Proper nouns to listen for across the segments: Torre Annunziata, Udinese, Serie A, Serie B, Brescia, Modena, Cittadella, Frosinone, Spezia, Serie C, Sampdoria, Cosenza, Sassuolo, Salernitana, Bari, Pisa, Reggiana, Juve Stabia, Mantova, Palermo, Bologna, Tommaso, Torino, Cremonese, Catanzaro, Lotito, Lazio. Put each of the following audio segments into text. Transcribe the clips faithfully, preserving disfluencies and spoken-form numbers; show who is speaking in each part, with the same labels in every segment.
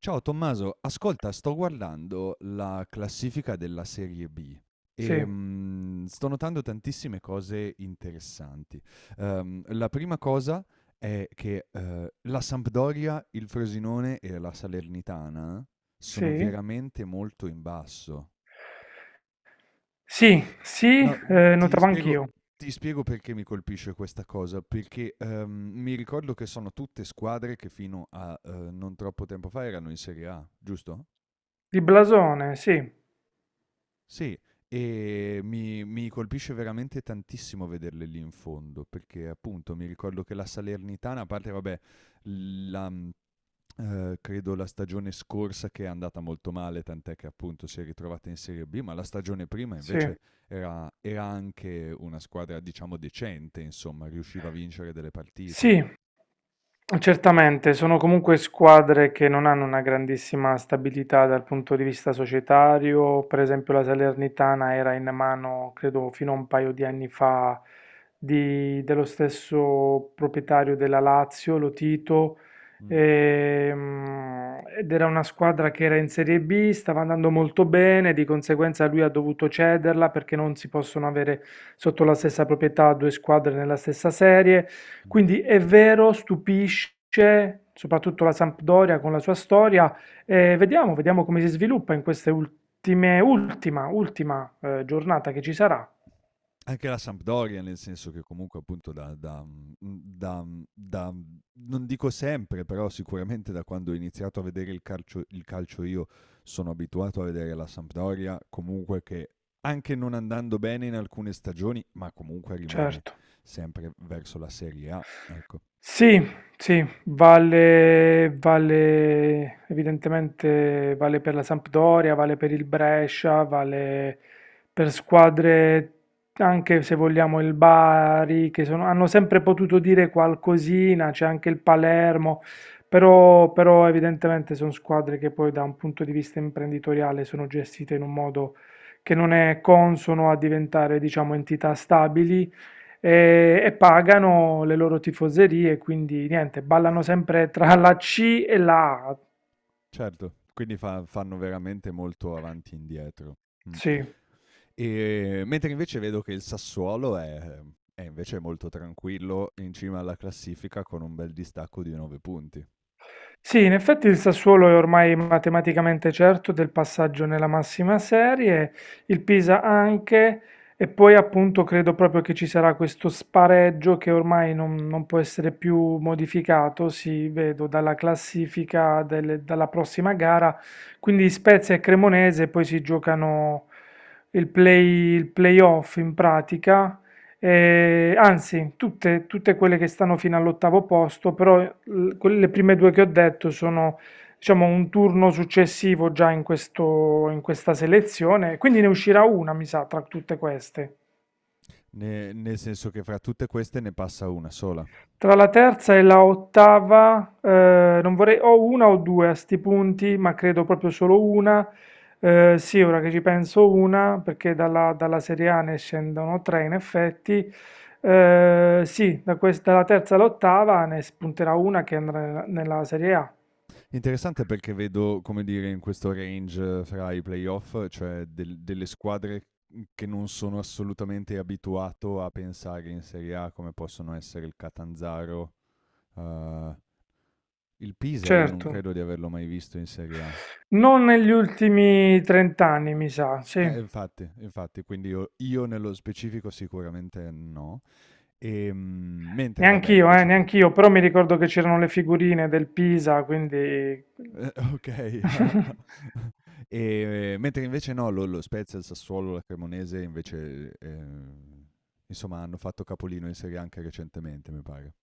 Speaker 1: Ciao Tommaso, ascolta, sto guardando la classifica della Serie B e
Speaker 2: Sì,
Speaker 1: mm, sto notando tantissime cose interessanti. Ehm, la prima cosa è che eh, la Sampdoria, il Frosinone e la Salernitana sono
Speaker 2: sì,
Speaker 1: veramente molto in basso.
Speaker 2: sì, sì,
Speaker 1: No, mm,
Speaker 2: ehm,
Speaker 1: ti
Speaker 2: Notavo
Speaker 1: spiego,
Speaker 2: anch'io.
Speaker 1: ti spiego perché mi colpisce questa cosa, perché ehm, mi ricordo che sono tutte squadre che fino a eh, non troppo tempo fa erano in Serie A, giusto?
Speaker 2: Di blasone, sì,
Speaker 1: Sì, e mi mi colpisce veramente tantissimo vederle lì in fondo, perché appunto mi ricordo che la Salernitana, a parte vabbè, la mhmm, ehm, credo la stagione scorsa che è andata molto male, tant'è che appunto si è ritrovata in Serie B, ma la stagione prima
Speaker 2: sì,
Speaker 1: invece era era anche una squadra diciamo decente, insomma, riusciva a vincere delle partite.
Speaker 2: sì, Certamente, sono comunque squadre che non hanno una grandissima stabilità dal punto di vista societario. Per esempio, la Salernitana era in mano, credo, fino a un paio di anni fa, di- dello stesso proprietario della Lazio, Lotito,
Speaker 1: Mh,
Speaker 2: ehm, ed era una squadra che era in Serie B, stava andando molto bene, di conseguenza lui ha dovuto cederla perché non si possono avere sotto la stessa proprietà due squadre nella stessa serie.
Speaker 1: mh.
Speaker 2: Quindi è vero, stupisce, soprattutto la Sampdoria con la sua storia. Eh, vediamo, vediamo come si sviluppa in queste ultime, ultima, ultima eh, giornata che ci sarà.
Speaker 1: Anche la Sampdoria, nel senso che comunque appunto da, da- mh, da- mh, da- mh, non dico sempre, però sicuramente da quando ho iniziato a vedere il calcio, il calcio io sono abituato a vedere la Sampdoria comunque che anche non andando bene in alcune stagioni, ma comunque rimane
Speaker 2: Certo.
Speaker 1: sempre verso la Serie A, ecco.
Speaker 2: Sì, sì, vale, vale, evidentemente vale per la Sampdoria, vale per il Brescia, vale per squadre anche se vogliamo il Bari, che sono- hanno sempre potuto dire qualcosina, c'è anche il Palermo, però, però evidentemente sono squadre che poi da un punto di vista imprenditoriale sono gestite in un modo che non è consono a diventare, diciamo, entità stabili e, e pagano le loro tifoserie, quindi niente, ballano sempre tra la C e la A.
Speaker 1: Certo, quindi fa- fanno veramente molto avanti e indietro. Mm.
Speaker 2: Sì.
Speaker 1: Ehm, mentre invece vedo che il Sassuolo è è invece molto tranquillo in cima alla classifica con un bel distacco di nove punti.
Speaker 2: Sì, in effetti il Sassuolo è ormai matematicamente certo del passaggio nella massima serie, il Pisa anche, e poi appunto credo proprio che ci sarà questo spareggio che ormai non, non può essere più modificato, si vedo dalla classifica delle- dalla prossima gara, quindi Spezia e Cremonese poi si giocano il play, il playoff in pratica, eh, anzi, tutte, tutte quelle che stanno fino all'ottavo posto, però l- quelle- le prime due che ho detto sono, diciamo, un turno successivo già in questo- in questa selezione, quindi ne uscirà una, mi sa, tra tutte queste.
Speaker 1: Ne nel senso che fra tutte queste ne passa una sola.
Speaker 2: Tra la terza e la ottava, eh, non vorrei, o una o due a sti punti, ma credo proprio solo una. Eh, sì, ora che ci penso una, perché dalla, dalla Serie A ne scendono tre in effetti. Eh, sì, da questa, dalla terza all'ottava ne spunterà una che andrà nella, nella Serie A.
Speaker 1: Interessante perché vedo, come dire, in questo range fra i playoff, cioè del delle squadre, mhmm, che non sono assolutamente abituato a pensare in Serie A, come possono essere il Catanzaro, uhm, il Pisa io non
Speaker 2: Certo,
Speaker 1: credo di averlo mai visto in Serie A.
Speaker 2: non negli ultimi trenta anni, mi sa, sì.
Speaker 1: Eh, infatti, infatti, quindi io, io nello specifico sicuramente no. Ehm, Mentre vabbè,
Speaker 2: Neanch'io, eh,
Speaker 1: invece no.
Speaker 2: neanch'io, però mi ricordo che c'erano le figurine del Pisa, quindi...
Speaker 1: Eh, okay. E mentre invece no, lo lo Spezia, il Sassuolo, la Cremonese invece, ehm, insomma hanno fatto capolino in Serie A anche recentemente, mi pare.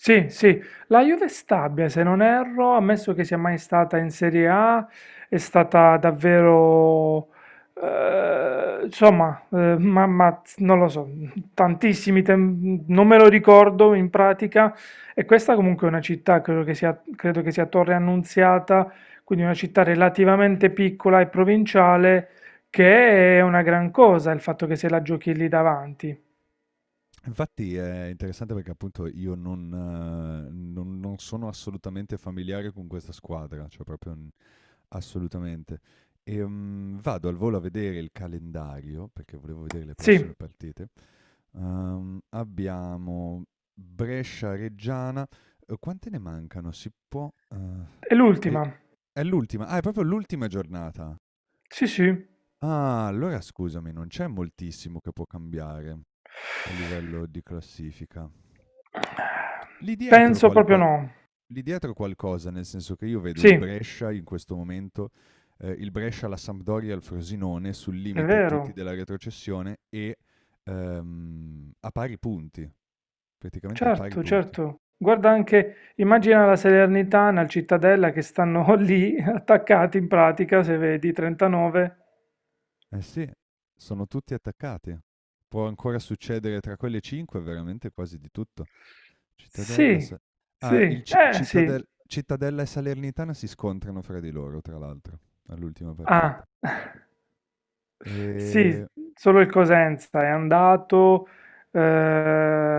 Speaker 2: Sì, sì, la Juve è stabile, se non erro, ammesso che sia mai stata in Serie A, è stata davvero, eh, insomma, eh, ma, ma non lo so, tantissimi, tem- non me lo ricordo in pratica, e questa comunque è una città, credo che sia, credo che sia Torre Annunziata, quindi una città relativamente piccola e provinciale, che è una gran cosa il fatto che se la giochi lì davanti.
Speaker 1: Infatti è interessante perché appunto io non eh, non non sono assolutamente familiare con questa squadra, cioè proprio assolutamente. Ehm, vado al volo a vedere il calendario, perché volevo vedere le
Speaker 2: Sì,
Speaker 1: prossime partite. Ehm, abbiamo Brescia-Reggiana. Eh, Quante ne mancano? Si può... eh,
Speaker 2: è
Speaker 1: hai-
Speaker 2: l'ultima,
Speaker 1: è l'ultima. Ah, è proprio l'ultima giornata.
Speaker 2: sì, sì.
Speaker 1: Ah, allora scusami, non c'è moltissimo che può cambiare a livello di classifica. Lì dietro
Speaker 2: Penso proprio
Speaker 1: qualco
Speaker 2: no.
Speaker 1: Lì dietro qualcosa, nel senso che io vedo
Speaker 2: Sì,
Speaker 1: il
Speaker 2: è
Speaker 1: Brescia in questo momento, ehm, il Brescia, la Sampdoria e il Frosinone sul limite tutti
Speaker 2: vero.
Speaker 1: della retrocessione e, ehm, a pari punti, praticamente a pari
Speaker 2: Certo,
Speaker 1: punti.
Speaker 2: certo. Guarda anche, immagina la Salernitana, il Cittadella che stanno lì attaccati in pratica, se vedi, trentanove.
Speaker 1: Eh sì, sono tutti attaccati. Può ancora succedere tra quelle cinque veramente quasi di tutto. Cittadella,
Speaker 2: Sì,
Speaker 1: Sa
Speaker 2: sì,
Speaker 1: ah, il Ci
Speaker 2: eh sì.
Speaker 1: Cittadel Cittadella e Salernitana si scontrano fra di loro, tra l'altro, all'ultima
Speaker 2: Ah,
Speaker 1: partita.
Speaker 2: sì,
Speaker 1: Ehm
Speaker 2: solo il Cosenza è andato,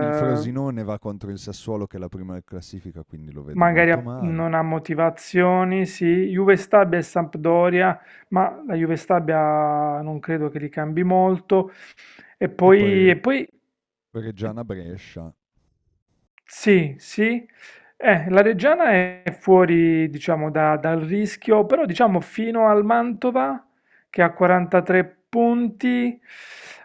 Speaker 1: Il Frosinone va contro il Sassuolo che è la prima in classifica, quindi lo vedo
Speaker 2: magari
Speaker 1: molto
Speaker 2: ha-
Speaker 1: male.
Speaker 2: non ha motivazioni, sì, Juve Stabia e Sampdoria, ma la Juve Stabia non credo che li cambi molto. E
Speaker 1: E poi
Speaker 2: poi, e
Speaker 1: Re-
Speaker 2: poi
Speaker 1: Reggiana-Brescia.
Speaker 2: sì, sì. Eh, la Reggiana è fuori, diciamo, da- dal rischio, però diciamo fino al Mantova, che ha quarantatré punti,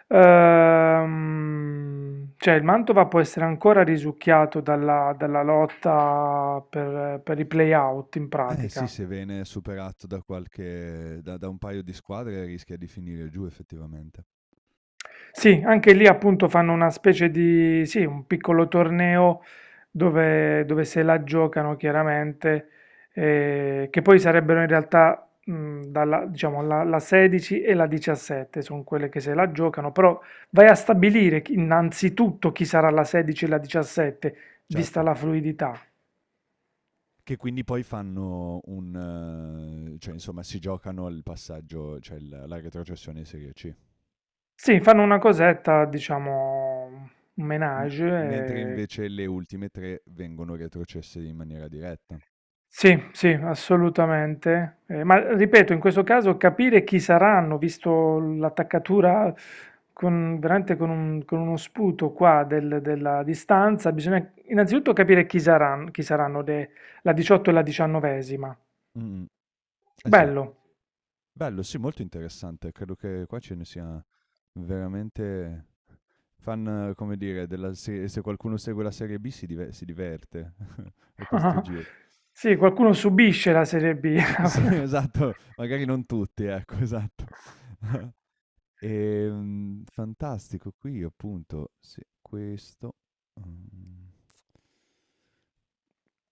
Speaker 2: ehm, cioè il Mantova può essere ancora risucchiato dalla, dalla lotta per per i play-out in
Speaker 1: Eh sì,
Speaker 2: pratica.
Speaker 1: se viene superato da qualche, da, da un paio di squadre rischia di finire giù effettivamente.
Speaker 2: Sì, anche lì appunto fanno una specie di, sì, un piccolo torneo dove, dove se la giocano chiaramente, eh, che poi sarebbero in realtà mh, dalla, diciamo, la, la sedici e la diciassette sono quelle che se la giocano, però vai a stabilire chi- innanzitutto chi sarà la sedici e la diciassette, vista
Speaker 1: Certo,
Speaker 2: la fluidità.
Speaker 1: che quindi poi fanno un, eh, cioè insomma si giocano il passaggio, cioè il- la retrocessione in Serie C.
Speaker 2: Sì, fanno una cosetta, diciamo, un
Speaker 1: M-
Speaker 2: menage,
Speaker 1: Mentre
Speaker 2: eh,
Speaker 1: invece le ultime tre vengono retrocesse in maniera diretta.
Speaker 2: sì, sì, assolutamente. Eh, ma ripeto, in questo caso capire chi saranno, visto l'attaccatura con, veramente con, un- con uno sputo qua del- della distanza, bisogna innanzitutto capire chi saranno, chi saranno le- la diciotto e la diciannovesima.
Speaker 1: Mm, eh sì,
Speaker 2: Bello.
Speaker 1: bello, sì, molto interessante. Credo che qua ce ne sia veramente fan, come dire, della se se qualcuno segue la Serie B si dive si diverte a questo giro.
Speaker 2: Sì, qualcuno subisce la Serie B.
Speaker 1: Sì, esatto, magari non tutti, ecco, esatto. Ehm, fantastico, qui appunto, sì, questo, mhmm,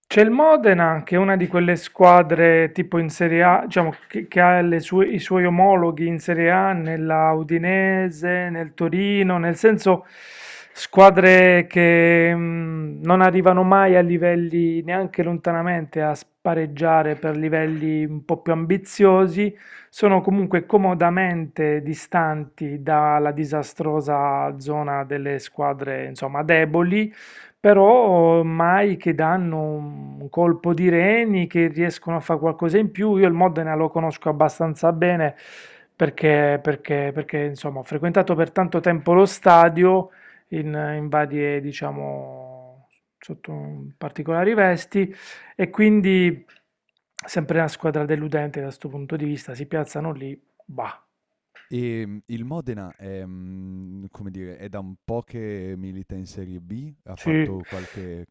Speaker 2: C'è il Modena, che è una di quelle squadre tipo in Serie A, diciamo, che, che ha le sue- i suoi omologhi in Serie A, nella Udinese, nel Torino, nel senso squadre che mh, non arrivano mai a livelli neanche lontanamente a spareggiare per livelli un po' più ambiziosi, sono comunque comodamente distanti dalla disastrosa zona delle squadre, insomma, deboli però mai che danno un colpo di reni, che riescono a fare qualcosa in più. Io il Modena lo conosco abbastanza bene perché, perché- perché, insomma, ho frequentato per tanto tempo lo stadio in, in varie, diciamo, sotto particolari vesti e quindi sempre una squadra deludente da questo punto di vista. Si piazzano lì, bah,
Speaker 1: ehm, il Modena è, mhmm, come dire, è da un po' che milita in Serie B? Ha
Speaker 2: sì,
Speaker 1: fatto qualche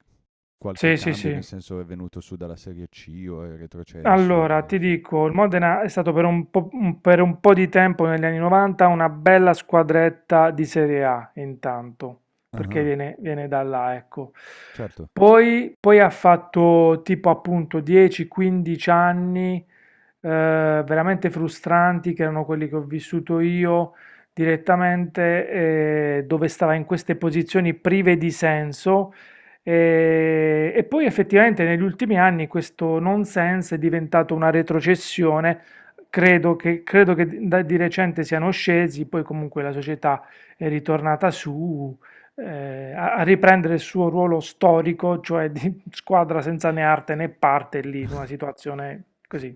Speaker 1: qualche
Speaker 2: sì, sì,
Speaker 1: cambio,
Speaker 2: sì.
Speaker 1: nel senso è venuto su dalla Serie C o è retrocesso
Speaker 2: Allora,
Speaker 1: o
Speaker 2: ti
Speaker 1: insomma
Speaker 2: dico, il Modena è stato per un po', un- per un po' di tempo negli anni novanta una bella squadretta di Serie A, intanto, perché
Speaker 1: ah-ah,
Speaker 2: viene, viene da là, ecco.
Speaker 1: certo.
Speaker 2: Poi, poi ha fatto tipo appunto dieci quindici anni eh, veramente frustranti, che erano quelli che ho vissuto io direttamente, eh, dove stava in queste posizioni prive di senso e, e poi effettivamente negli ultimi anni questo nonsense è diventato una retrocessione, credo che, credo che da- di recente siano scesi, poi comunque la società è ritornata su, eh, a, a riprendere il suo ruolo storico, cioè di squadra senza né arte né parte lì, in una situazione così,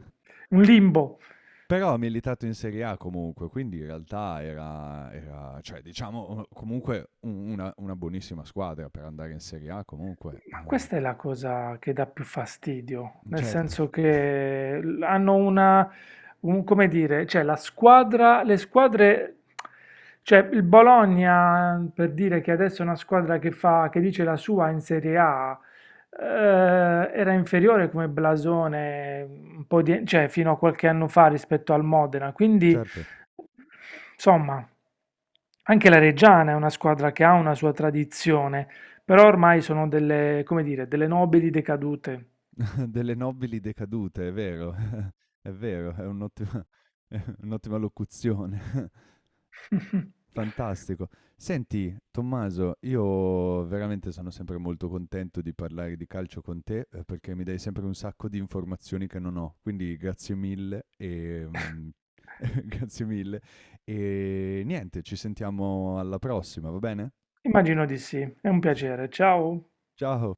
Speaker 2: un limbo.
Speaker 1: Però ha militato in Serie A comunque, quindi in realtà era, era- cioè, diciamo, eh, comunque un- una, una buonissima squadra per andare in Serie A comunque.
Speaker 2: Ma
Speaker 1: Eh,
Speaker 2: questa è la cosa che dà più fastidio, nel
Speaker 1: certo,
Speaker 2: senso che l- hanno una, un- come dire, cioè la squadra, le squadre, cioè il Bologna, per dire che adesso è una squadra che fa, che dice la sua in Serie A, eh, era inferiore come blasone un po' di, cioè fino a qualche anno fa rispetto al Modena, quindi
Speaker 1: certo.
Speaker 2: insomma, anche la Reggiana è una squadra che ha una sua tradizione. Però ormai sono delle, come dire, delle nobili decadute.
Speaker 1: Delle nobili decadute, è vero, è vero, è un'ottima, è un'ottima locuzione. Fantastico. Senti, Tommaso, io veramente sono sempre molto contento di parlare di calcio con te eh, perché mi dai sempre un sacco di informazioni che non ho, quindi grazie mille e mm, grazie mille e niente, ci sentiamo alla prossima, va bene?
Speaker 2: Immagino di sì, è un piacere. Ciao.
Speaker 1: Ciao!